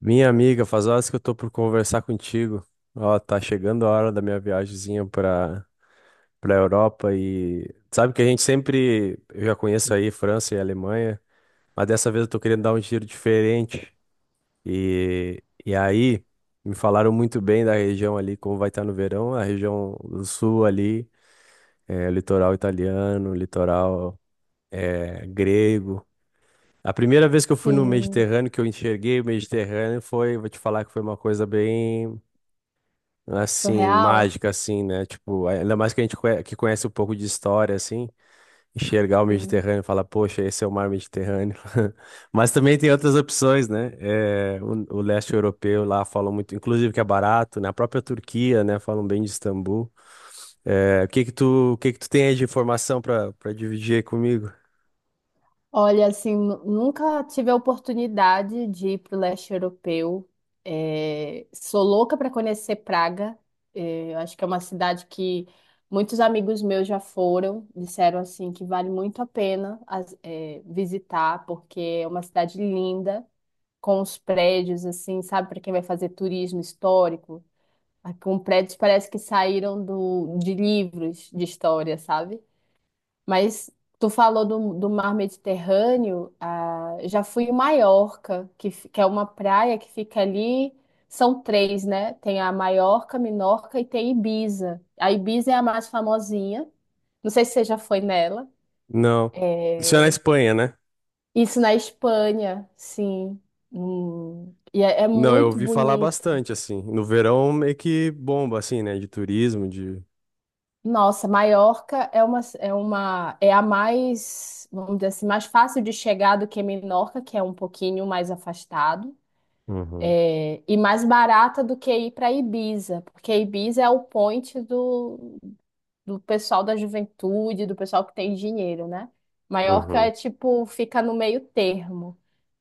Minha amiga, faz horas que eu tô por conversar contigo. Ó, tá chegando a hora da minha viagemzinha pra Europa e sabe que a gente sempre, eu já conheço aí França e Alemanha, mas dessa vez eu tô querendo dar um giro diferente. E aí, me falaram muito bem da região ali, como vai estar no verão, a região do sul ali, litoral italiano, litoral grego. A primeira vez que eu fui no Sim, Mediterrâneo, que eu enxerguei o Mediterrâneo, foi, vou te falar que foi uma coisa bem, assim, surreal. mágica, assim, né? Tipo, ainda mais que a gente que conhece um pouco de história, assim, enxergar o Sim. Mediterrâneo e falar, poxa, esse é o mar Mediterrâneo. Mas também tem outras opções, né? O leste europeu lá falam muito, inclusive que é barato, né? A própria Turquia, né? Falam bem de Istambul. O que que tu tem aí de informação para dividir aí comigo? Olha, assim, nunca tive a oportunidade de ir para o leste europeu. É, sou louca para conhecer Praga. É, eu acho que é uma cidade que muitos amigos meus já foram, disseram assim que vale muito a pena é, visitar, porque é uma cidade linda, com os prédios, assim, sabe, para quem vai fazer turismo histórico, ah, com prédios parece que saíram de livros de história, sabe? Mas tu falou do Mar Mediterrâneo, ah, já fui em Maiorca, que é uma praia que fica ali. São três, né? Tem a Maiorca, Minorca e tem Ibiza. A Ibiza é a mais famosinha. Não sei se você já foi nela. Não. Isso é na É. Espanha, né? Isso na Espanha, sim. E é Não, eu muito ouvi falar bonito. bastante, assim. No verão meio que bomba, assim, né? De turismo, de. Nossa, Maiorca é a mais, vamos dizer assim, mais fácil de chegar do que Menorca, que é um pouquinho mais afastado. Uhum, É, e mais barata do que ir para Ibiza, porque Ibiza é o point do pessoal da juventude, do pessoal que tem dinheiro, né? Maiorca é uhum. tipo, fica no meio termo.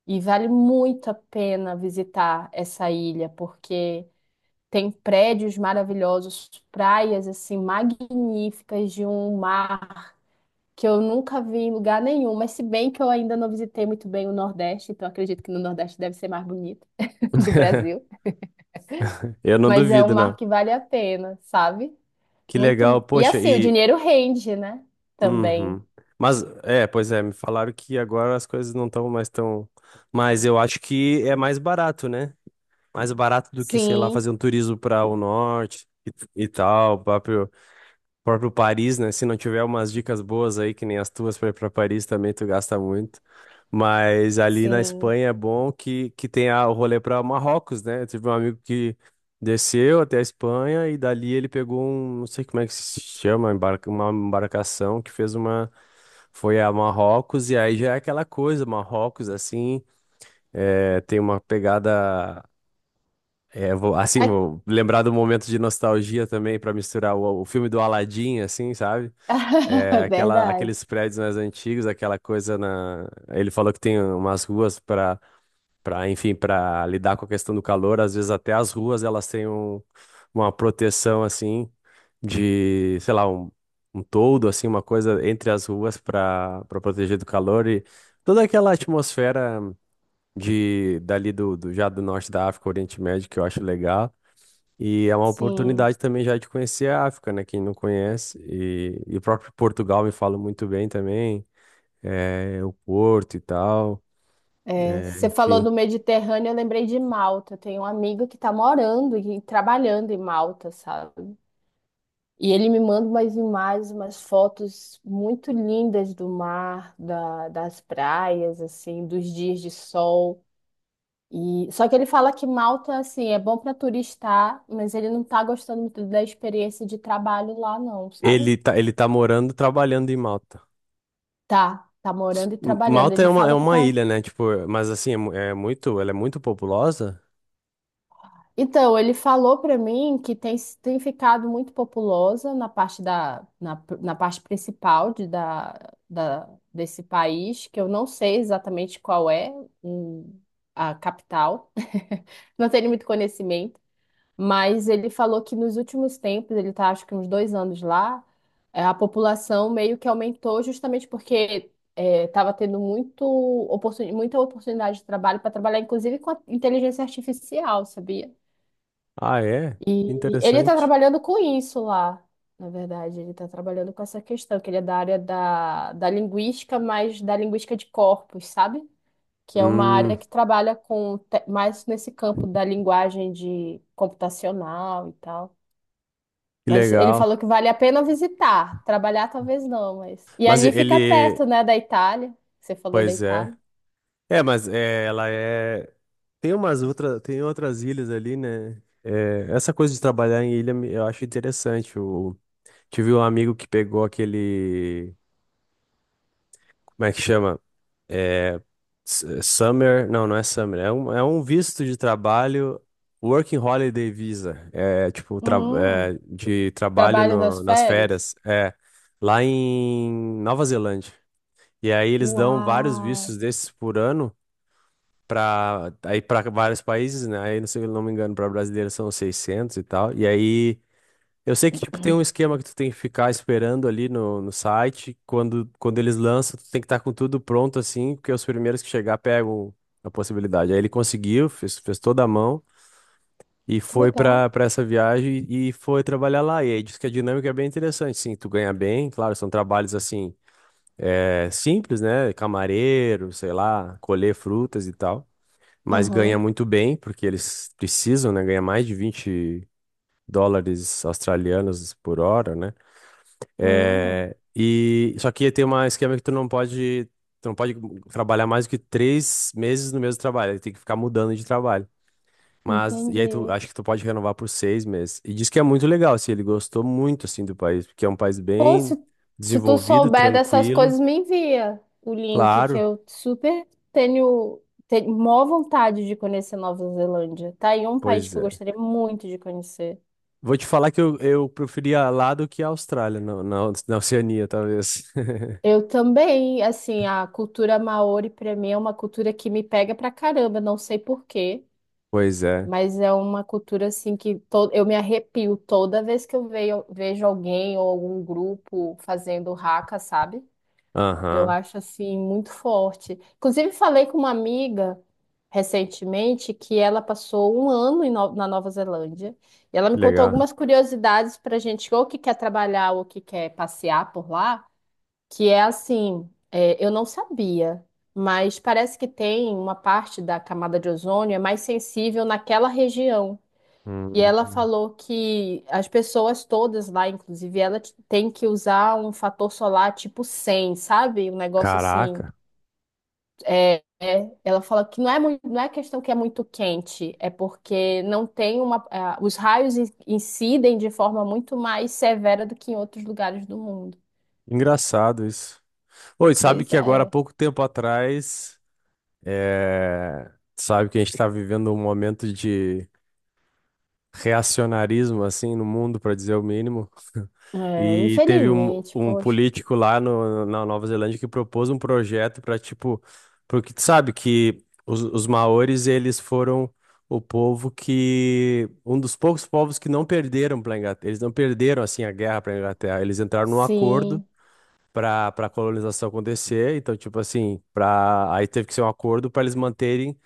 E vale muito a pena visitar essa ilha, porque tem prédios maravilhosos, praias assim magníficas de um mar que eu nunca vi em lugar nenhum, mas se bem que eu ainda não visitei muito bem o Nordeste, então acredito que no Nordeste deve ser mais bonito do Brasil. Eu não Mas é um duvido, mar não. que vale a pena, sabe? Que legal, Muito. E poxa, assim, o e. dinheiro rende, né? Também. Uhum. Mas, é, pois é, me falaram que agora as coisas não estão mais tão. Mas eu acho que é mais barato, né? Mais barato do que, sei lá, Sim, fazer um turismo para o norte e tal, próprio Paris, né? Se não tiver umas dicas boas aí, que nem as tuas para ir para Paris também, tu gasta muito. Mas ali na sim. Espanha é bom que tem o rolê para Marrocos, né? Eu tive um amigo que desceu até a Espanha e dali ele pegou um, não sei como é que se chama, uma embarcação que fez uma. Foi a Marrocos e aí já é aquela coisa, Marrocos assim, é, tem uma pegada. É Vou lembrar do momento de nostalgia também para misturar o filme do Aladdin, assim, sabe? É, aquela, verdade. aqueles prédios mais antigos, aquela coisa na. Ele falou que tem umas ruas enfim, para lidar com a questão do calor. Às vezes até as ruas elas têm uma proteção assim de, sei lá, um toldo assim, uma coisa entre as ruas para proteger do calor e toda aquela atmosfera de dali do já do norte da África, Oriente Médio, que eu acho legal. E é uma Sim. oportunidade também já de conhecer a África, né? Quem não conhece. E o próprio Portugal me fala muito bem também. É, o Porto e tal. É, É, você falou enfim. do Mediterrâneo, eu lembrei de Malta. Eu tenho um amigo que está morando e trabalhando em Malta, sabe? E ele me manda umas imagens, umas fotos muito lindas do mar, das praias, assim, dos dias de sol. E só que ele fala que Malta assim é bom para turistar, mas ele não tá gostando muito da experiência de trabalho lá não, sabe? Ele tá morando, trabalhando em Malta. Tá morando e trabalhando. Malta Ele é fala por uma causa... ilha, né? Tipo, mas assim, é, é muito, ela é muito populosa. Então, ele falou para mim tem ficado muito populosa na parte principal da desse país, que eu não sei exatamente qual é hum, a capital. Não tenho muito conhecimento. Mas ele falou que nos últimos tempos, ele tá acho que uns 2 anos lá, é, a população meio que aumentou justamente porque estava tendo muito muita oportunidade de trabalho para trabalhar, inclusive com a inteligência artificial, sabia? Ah, é? Que E ele está interessante. trabalhando com isso lá, na verdade. Ele está trabalhando com essa questão, que ele é da área da linguística, mas da linguística de corpos, sabe? Que é uma área Hum, que trabalha com mais nesse campo da linguagem de computacional e tal. que Mas ele legal. falou que vale a pena visitar. Trabalhar talvez não, mas. E Mas ali fica perto, ele, né, da Itália. Você falou da pois é. Itália. É, mas é, ela é. Tem outras ilhas ali, né? É, essa coisa de trabalhar em ilha eu acho interessante. Eu tive um amigo que pegou aquele. Como é que chama? É, s- summer. Não, não é Summer. É um visto de trabalho. Working Holiday Visa. Hum, De trabalho trabalho nas nas férias? férias. É lá em Nova Zelândia. E aí eles dão vários Uau, vistos desses por ano. Para aí para vários países, né? Aí, não sei, não me engano, para brasileiro são 600 e tal. E aí eu sei que tipo tem um esquema que tu tem que ficar esperando ali no site, quando eles lançam, tu tem que estar com tudo pronto assim, porque os primeiros que chegar pegam a possibilidade. Aí ele conseguiu, fez toda a mão e que foi legal. para essa viagem e foi trabalhar lá. E aí diz que a dinâmica é bem interessante, sim, tu ganha bem, claro, são trabalhos assim, é, simples, né? Camareiro, sei lá, colher frutas e tal mas ganha Aham. muito bem, porque eles precisam, né, ganhar mais de 20 dólares australianos por hora, né? Hum, É, e só que tem um esquema que tu não pode trabalhar mais do que 3 meses no mesmo trabalho, aí tem que ficar mudando de trabalho. Mas, e aí tu, entendi. acho que tu pode renovar por 6 meses. E diz que é muito legal, assim, ele gostou muito, assim, do país, porque é um país Pô, bem se tu desenvolvido, souber dessas tranquilo, coisas, me envia o link que claro, eu super tenho maior vontade de conhecer Nova Zelândia. Tá aí um país pois que eu é. gostaria muito de conhecer. Vou te falar que eu preferia lá do que a Austrália, na Oceania, talvez. Eu também, assim, a cultura maori para mim é uma cultura que me pega pra caramba, não sei por quê, Pois é. mas é uma cultura assim eu me arrepio toda vez que eu vejo alguém ou algum grupo fazendo haka, sabe? Eu Aham. acho assim muito forte. Inclusive falei com uma amiga recentemente que ela passou 1 ano em na Nova Zelândia e ela me Que contou legal. algumas curiosidades pra gente ou que quer trabalhar ou que quer passear por lá que é assim, é, eu não sabia, mas parece que tem uma parte da camada de ozônio é mais sensível naquela região. E ela Hum, falou que as pessoas todas lá, inclusive ela, tem que usar um fator solar tipo 100, sabe? Um negócio assim. caraca. É, ela fala que não é muito, não é questão que é muito quente, é porque não tem uma. Ah, os raios incidem de forma muito mais severa do que em outros lugares do mundo. Engraçado isso. Oi, sabe Pois que agora, há é. pouco tempo atrás, é, sabe que a gente está vivendo um momento de reacionarismo assim no mundo, para dizer o mínimo. É, E teve infelizmente, um poxa. político lá no, na Nova Zelândia que propôs um projeto para tipo, porque tu sabe que os maores eles foram o povo que um dos poucos povos que não perderam para Inglaterra, eles não perderam assim a guerra para Inglaterra, eles entraram num acordo Sim. para colonização acontecer, então tipo assim, para aí teve que ser um acordo para eles manterem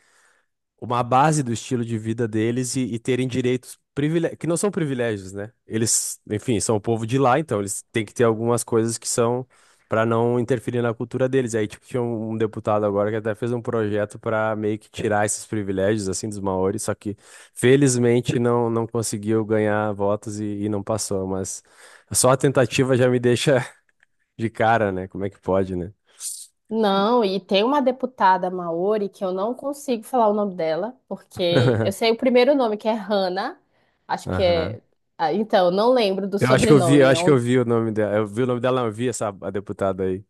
uma base do estilo de vida deles e terem direitos que não são privilégios, né? Eles, enfim, são o povo de lá, então eles têm que ter algumas coisas que são para não interferir na cultura deles. Aí, tipo, tinha um deputado agora que até fez um projeto para meio que tirar esses privilégios assim dos maoris, só que felizmente não conseguiu ganhar votos e não passou, mas só a tentativa já me deixa de cara, né? Como é que pode, né? Não, e tem uma deputada Maori que eu não consigo falar o nome dela, porque eu sei o primeiro nome, que é Hannah. Acho que Aham. é. Ah, então, eu não lembro do sobrenome. Eu É acho que eu um- vi o nome dela. Eu vi o nome dela, não, eu vi essa a deputada aí.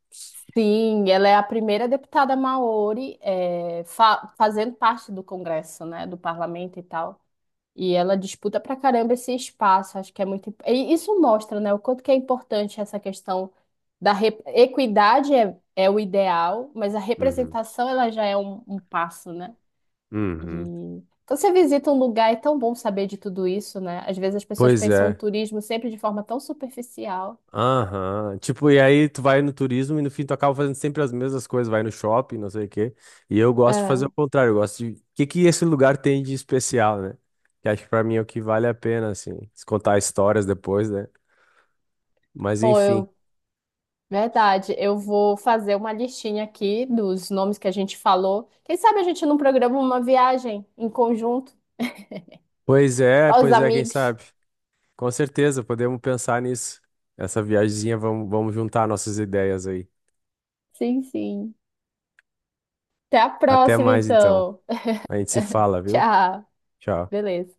Sim, ela é a primeira deputada Maori, é, fazendo parte do Congresso, né? Do parlamento e tal. E ela disputa pra caramba esse espaço, acho que é muito. E isso mostra, né, o quanto que é importante essa questão equidade é, é o ideal, mas a Uhum, representação ela já é um passo, né? uhum. E quando você visita um lugar, é tão bom saber de tudo isso, né? Às vezes as pessoas Pois pensam o é. turismo sempre de forma tão superficial. Aham. Tipo, e aí tu vai no turismo e no fim tu acaba fazendo sempre as mesmas coisas, vai no shopping, não sei o quê. E eu gosto de fazer o É, contrário, eu gosto de o que que esse lugar tem de especial, né? Que acho que pra mim é o que vale a pena, assim, se contar histórias depois, né? Mas pô, enfim. eu. Verdade, eu vou fazer uma listinha aqui dos nomes que a gente falou. Quem sabe a gente não programa uma viagem em conjunto, só os Pois é, quem amigos. sabe? Com certeza, podemos pensar nisso. Essa viagemzinha, vamos juntar nossas ideias aí. Sim, sim. Até a Até próxima, mais então. então. A gente se fala, viu? Tchau. Tchau. Beleza.